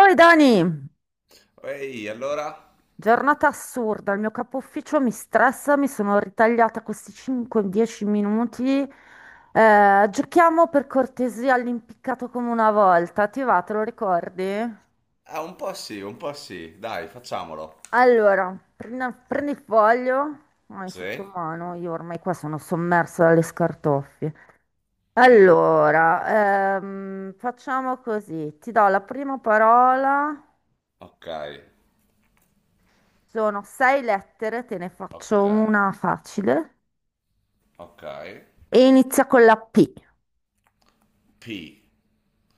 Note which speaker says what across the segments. Speaker 1: Oi Dani,
Speaker 2: Ehi, allora?
Speaker 1: giornata assurda, il mio capo ufficio mi stressa, mi sono ritagliata questi 5-10 minuti. Giochiamo per cortesia all'impiccato come una volta, ti va, te lo ricordi?
Speaker 2: Ah, un po' sì, un po' sì. Dai, facciamolo.
Speaker 1: Allora, prendi, prendi il foglio, hai
Speaker 2: Sì?
Speaker 1: sotto mano, io ormai qua sono sommersa dalle scartoffie. Allora, facciamo così, ti do la prima parola,
Speaker 2: Ok,
Speaker 1: sono sei lettere, te ne
Speaker 2: ok,
Speaker 1: faccio una facile.
Speaker 2: ok.
Speaker 1: E inizia con la P,
Speaker 2: P,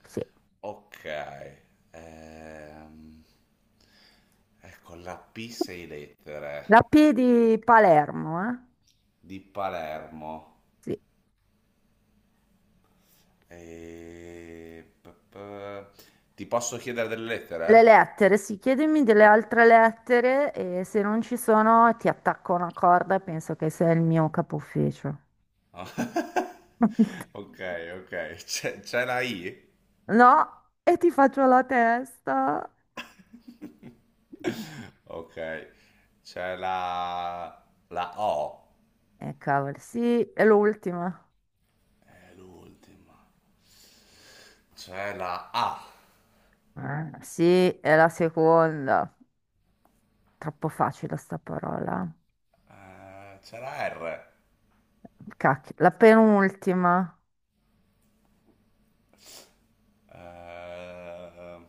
Speaker 1: sì.
Speaker 2: ok. Ehm, ecco, la P sei lettere
Speaker 1: La P di Palermo, eh?
Speaker 2: di Palermo.
Speaker 1: Sì.
Speaker 2: E... p- p- Ti posso chiedere delle
Speaker 1: Le
Speaker 2: lettere?
Speaker 1: lettere, sì, chiedimi delle altre lettere e se non ci sono ti attacco una corda e penso che sei il mio capo ufficio.
Speaker 2: Ok, ok. C'è la I?
Speaker 1: No, e ti faccio la testa.
Speaker 2: Ok. C'è la O.
Speaker 1: E cavolo, sì, è l'ultima.
Speaker 2: È l'ultima. C'è la A,
Speaker 1: Ah, sì, è la seconda. Troppo facile sta parola.
Speaker 2: c'è la R,
Speaker 1: Cacchio, la penultima.
Speaker 2: eh,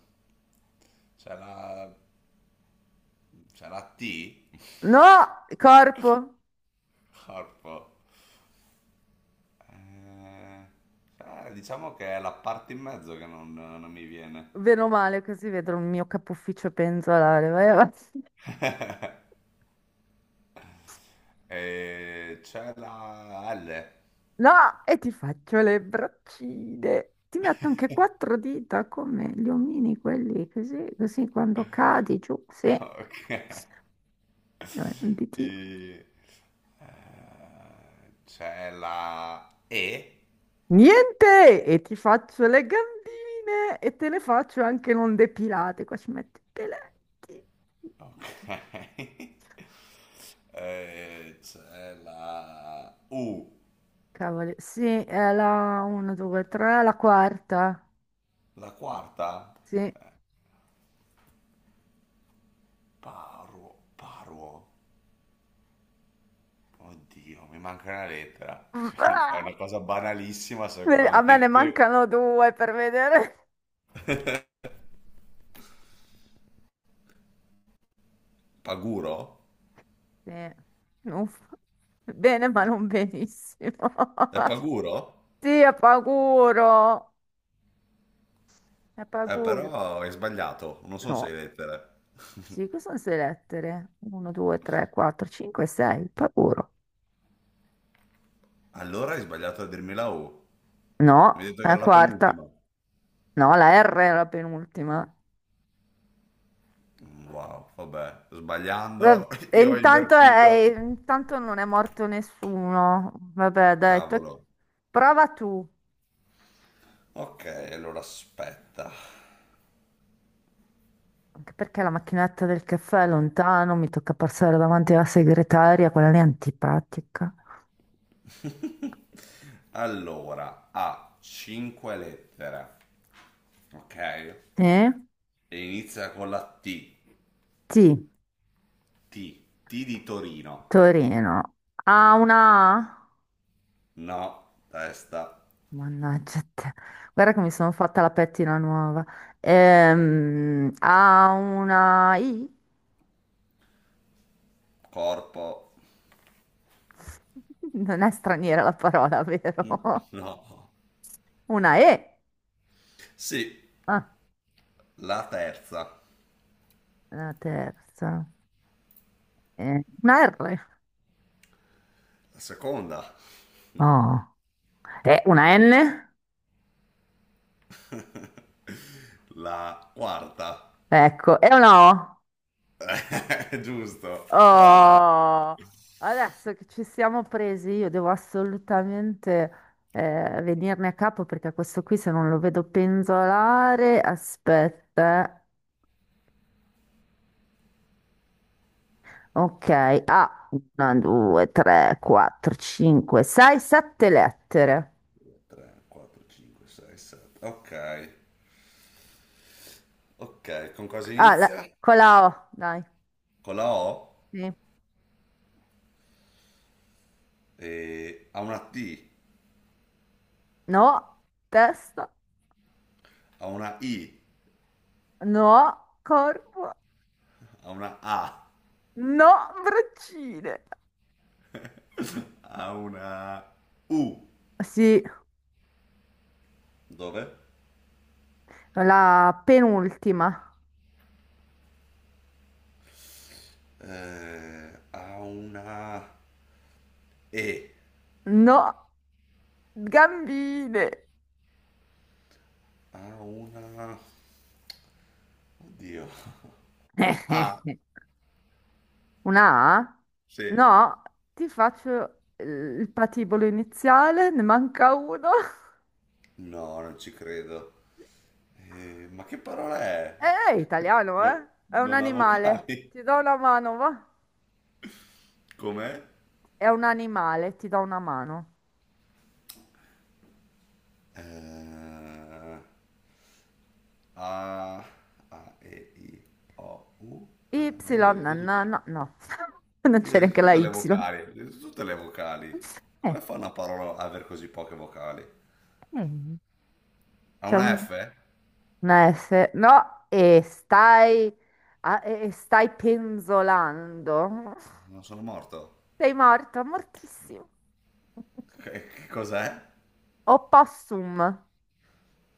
Speaker 2: c'è la, c'è la T,
Speaker 1: No, corpo.
Speaker 2: corpo. Eh, diciamo che è la parte in mezzo che non mi viene.
Speaker 1: Bene o male, così vedo il mio capo ufficio penzolare. Vai avanti.
Speaker 2: E c'è la L,
Speaker 1: No, e ti faccio le braccine. Ti metto anche quattro dita come gli omini, quelli così, così quando cadi giù, sì,
Speaker 2: ok.
Speaker 1: un ditino.
Speaker 2: I- C'è la E,
Speaker 1: Niente! E ti faccio le gambine e te le faccio anche non depilate. Qua ci metti i peletti.
Speaker 2: ok. C'è la U.
Speaker 1: Cavoli, sì, è la 1, 2, 3, la quarta.
Speaker 2: La quarta?
Speaker 1: Sì.
Speaker 2: Paruo, paruo. Oddio, mi manca una lettera. È
Speaker 1: Ah!
Speaker 2: una cosa banalissima
Speaker 1: Beh, a me ne
Speaker 2: sicuramente.
Speaker 1: mancano due per vedere.
Speaker 2: Paguro?
Speaker 1: Sì. Uff. Bene, ma non benissimo.
Speaker 2: È paguro?
Speaker 1: Sì, è paguro. È paguro.
Speaker 2: Però hai sbagliato, non sono
Speaker 1: No.
Speaker 2: sei lettere.
Speaker 1: Sì, cosa sono sei lettere? 1, 2, 3, 4, 5, 6. Paguro.
Speaker 2: Allora hai sbagliato a dirmi la U. Mi hai
Speaker 1: No,
Speaker 2: detto
Speaker 1: è
Speaker 2: che
Speaker 1: la
Speaker 2: era la penultima.
Speaker 1: quarta. No, la R è la penultima.
Speaker 2: Wow, vabbè, sbagliando,
Speaker 1: Vabb- e
Speaker 2: io ho
Speaker 1: intanto,
Speaker 2: invertito.
Speaker 1: intanto non è morto nessuno. Vabbè, dai,
Speaker 2: Cavolo.
Speaker 1: prova tu.
Speaker 2: Ok, allora aspetta.
Speaker 1: Anche perché la macchinetta del caffè è lontano, mi tocca passare davanti alla segretaria, quella lì è antipatica.
Speaker 2: Allora, ha 5 lettere. Ok.
Speaker 1: Eh?
Speaker 2: E inizia con la T.
Speaker 1: Sì,
Speaker 2: T. T di Torino.
Speaker 1: Torino. Ah, una A?
Speaker 2: No. Testa.
Speaker 1: Mannaggia te. Guarda che mi sono fatta la pettina nuova. Ha una I?
Speaker 2: Corpo.
Speaker 1: Non è straniera la parola, vero?
Speaker 2: No.
Speaker 1: Una E?
Speaker 2: Sì,
Speaker 1: Ah,
Speaker 2: la terza.
Speaker 1: la terza. Una R?
Speaker 2: La seconda.
Speaker 1: Oh. E una N?
Speaker 2: La quarta.
Speaker 1: Ecco, e una O? No?
Speaker 2: Giusto. Brava.
Speaker 1: Oh, adesso che ci siamo presi, io devo assolutamente venirne a capo perché questo qui se non lo vedo penzolare, aspetta. Ok, ah, una, due, tre, quattro, cinque, sei, sette lettere.
Speaker 2: 3, 4, 5, 6, 7. Ok. Ok, con cosa
Speaker 1: Ah,
Speaker 2: inizia?
Speaker 1: con la O, dai.
Speaker 2: Con la O.
Speaker 1: Sì.
Speaker 2: E ha una T.
Speaker 1: No, testa,
Speaker 2: Ha una I.
Speaker 1: no, corpo,
Speaker 2: Ha una A.
Speaker 1: no, braccine.
Speaker 2: Ha una U.
Speaker 1: Sì,
Speaker 2: Dove?
Speaker 1: la penultima.
Speaker 2: Ha una E,
Speaker 1: No. Gambine.
Speaker 2: ha una... Oddio. Ah,
Speaker 1: Una A?
Speaker 2: sì.
Speaker 1: No, ti faccio il patibolo iniziale, ne manca uno.
Speaker 2: No, non ci credo. Ma che parola è?
Speaker 1: È italiano,
Speaker 2: No-
Speaker 1: eh? È un
Speaker 2: non ha
Speaker 1: animale.
Speaker 2: vocali.
Speaker 1: Ti do una mano, va?
Speaker 2: Com'è?
Speaker 1: È un animale, ti do una mano.
Speaker 2: Eh, A, A, E, I, O, U.
Speaker 1: Y,
Speaker 2: Ma io le
Speaker 1: no,
Speaker 2: ho dette
Speaker 1: no,
Speaker 2: tutte.
Speaker 1: no, no. Non
Speaker 2: Io
Speaker 1: c'è
Speaker 2: le ho dette
Speaker 1: neanche la
Speaker 2: tutte
Speaker 1: Y.
Speaker 2: le vocali. Le ho dette tutte le vocali.
Speaker 1: Eh,
Speaker 2: Come fa una parola a aver così poche vocali?
Speaker 1: eh.
Speaker 2: Ha
Speaker 1: C'è
Speaker 2: una F?
Speaker 1: una S. No, e stai penzolando.
Speaker 2: Non sono morto.
Speaker 1: Sei morto, mortissimo.
Speaker 2: Che cos'è?
Speaker 1: Opossum.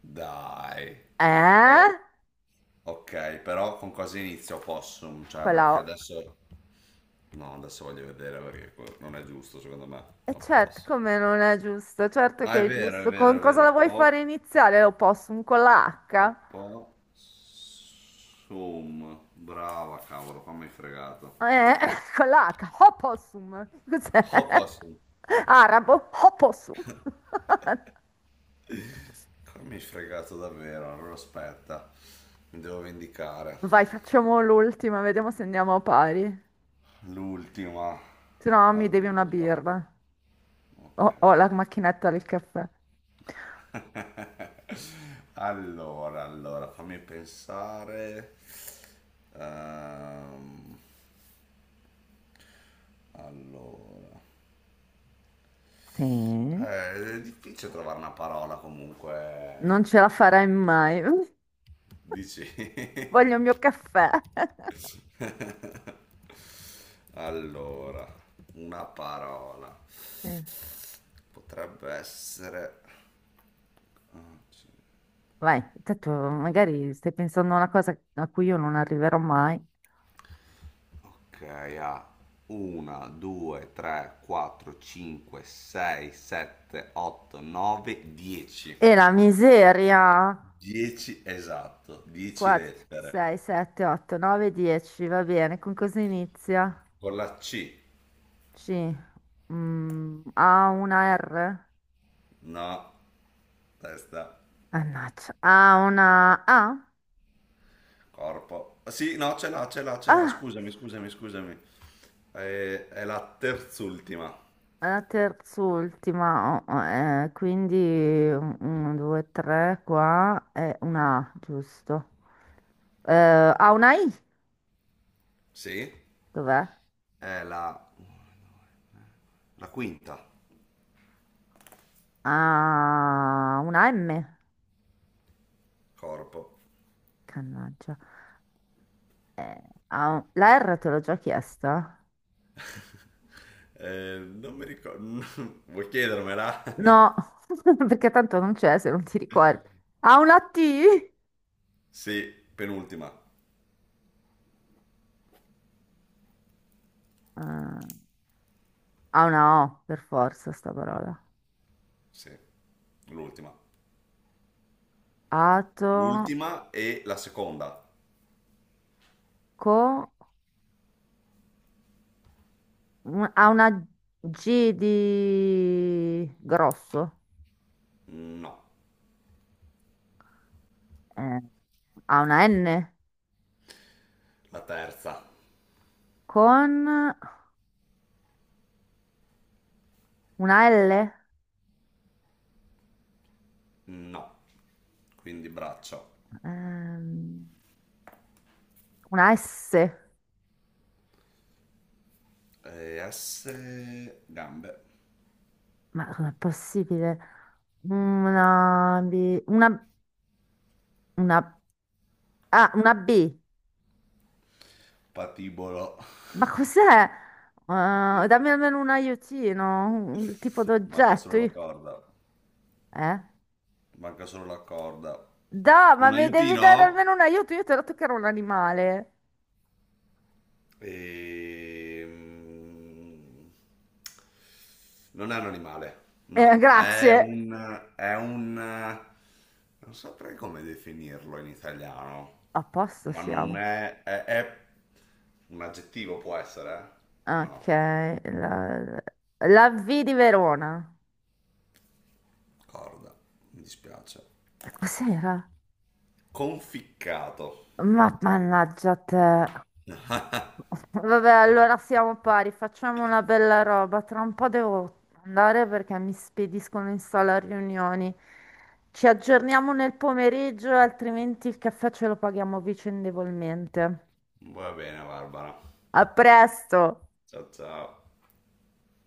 Speaker 2: Dai.
Speaker 1: Eh?
Speaker 2: Oh, ok, però con cosa inizio Possum? Cioè,
Speaker 1: Con la
Speaker 2: perché
Speaker 1: O.
Speaker 2: adesso... No, adesso voglio vedere perché que- non è giusto, secondo me.
Speaker 1: E
Speaker 2: Non
Speaker 1: certo,
Speaker 2: posso.
Speaker 1: come non è giusto? Certo
Speaker 2: Ah,
Speaker 1: che
Speaker 2: è
Speaker 1: è
Speaker 2: vero, è
Speaker 1: giusto. Con
Speaker 2: vero, è
Speaker 1: cosa la
Speaker 2: vero.
Speaker 1: vuoi fare iniziale l'opossum? Con la
Speaker 2: Ho
Speaker 1: H?
Speaker 2: Possum. Brava, cavolo, qua mi hai fregato.
Speaker 1: Eh, con la H. Opossum.
Speaker 2: Ho
Speaker 1: Cos'è?
Speaker 2: Possum.
Speaker 1: Arabo? Opossum.
Speaker 2: Qua mi hai fregato davvero, allora aspetta. Mi devo vendicare.
Speaker 1: Vai, facciamo l'ultima, vediamo se andiamo a pari.
Speaker 2: L'ultima.
Speaker 1: Se no, mi devi una
Speaker 2: Allora,
Speaker 1: birra. Ho
Speaker 2: ok.
Speaker 1: la macchinetta del caffè.
Speaker 2: Allora, fammi pensare. Ehm, allora.
Speaker 1: Sì? Non
Speaker 2: È difficile trovare una parola comunque.
Speaker 1: ce la farai mai.
Speaker 2: Dici?
Speaker 1: Voglio il mio caffè.
Speaker 2: Allora, una parola.
Speaker 1: Sì.
Speaker 2: Potrebbe essere... Ah, sì.
Speaker 1: Vai, tanto magari stai pensando a una cosa a cui io non arriverò mai.
Speaker 2: Ok, ha 1, 2, 3, 4, 5, 6, 7, 8, 9, 10.
Speaker 1: E la miseria.
Speaker 2: 10 esatto, 10
Speaker 1: 4, 5, 6,
Speaker 2: lettere.
Speaker 1: 7, 8, 9, 10, va bene. Con cosa inizia?
Speaker 2: Con la C,
Speaker 1: C. Ha una R?
Speaker 2: no, testa,
Speaker 1: Mannaggia. Ha una A?
Speaker 2: corpo. Sì, no, ce l'ha, ce l'ha, ce l'ha,
Speaker 1: Ah,
Speaker 2: scusami, scusami, scusami. È la terz'ultima.
Speaker 1: è la terz'ultima. Oh, quindi 1, 2, 3 qua e una A, giusto. Eh, ha una I?
Speaker 2: Sì,
Speaker 1: Dov'è?
Speaker 2: è la quinta,
Speaker 1: Ha una M?
Speaker 2: corpo.
Speaker 1: Cannaggia. Eh, ha la R te l'ho già chiesta?
Speaker 2: Non mi ricordo. Vuoi chiedermela?
Speaker 1: No, perché tanto non c'è se non ti ricordi. Ha una T?
Speaker 2: Sì, penultima.
Speaker 1: Ha una O, per forza, sta parola.
Speaker 2: Sì, l'ultima.
Speaker 1: Ato,
Speaker 2: L'ultima e la seconda?
Speaker 1: co, ha una G di grosso.
Speaker 2: No.
Speaker 1: Eh, ha una N
Speaker 2: La terza?
Speaker 1: con una L,
Speaker 2: No. Quindi braccio.
Speaker 1: ehm, una S.
Speaker 2: S, gambe.
Speaker 1: Ma com'è possibile? Una, B- una... Ah, una B.
Speaker 2: Patibolo.
Speaker 1: Ma cos'è? Ah, dammi almeno un aiutino, un tipo
Speaker 2: Manca
Speaker 1: d'oggetto.
Speaker 2: solo la corda.
Speaker 1: Eh?
Speaker 2: Manca solo la corda.
Speaker 1: Ma
Speaker 2: Un
Speaker 1: mi devi dare
Speaker 2: aiutino?
Speaker 1: almeno un aiuto. Io ti ho detto che era un animale.
Speaker 2: Ehm, Non è un animale, no, è
Speaker 1: Grazie.
Speaker 2: un, è un, non saprei come definirlo in italiano,
Speaker 1: A posto
Speaker 2: ma
Speaker 1: siamo.
Speaker 2: non è, è un aggettivo può essere? Eh?
Speaker 1: Ok.
Speaker 2: No,
Speaker 1: La, la V di Verona.
Speaker 2: corda, mi dispiace.
Speaker 1: Cos'era?
Speaker 2: Conficcato.
Speaker 1: Ma mannaggia te. Vabbè, allora siamo pari, facciamo una bella roba. Tra un po' devo andare perché mi spediscono in sala a riunioni. Ci aggiorniamo nel pomeriggio, altrimenti il caffè ce lo paghiamo vicendevolmente.
Speaker 2: Va bene, Barbara.
Speaker 1: A presto!
Speaker 2: Ciao ciao.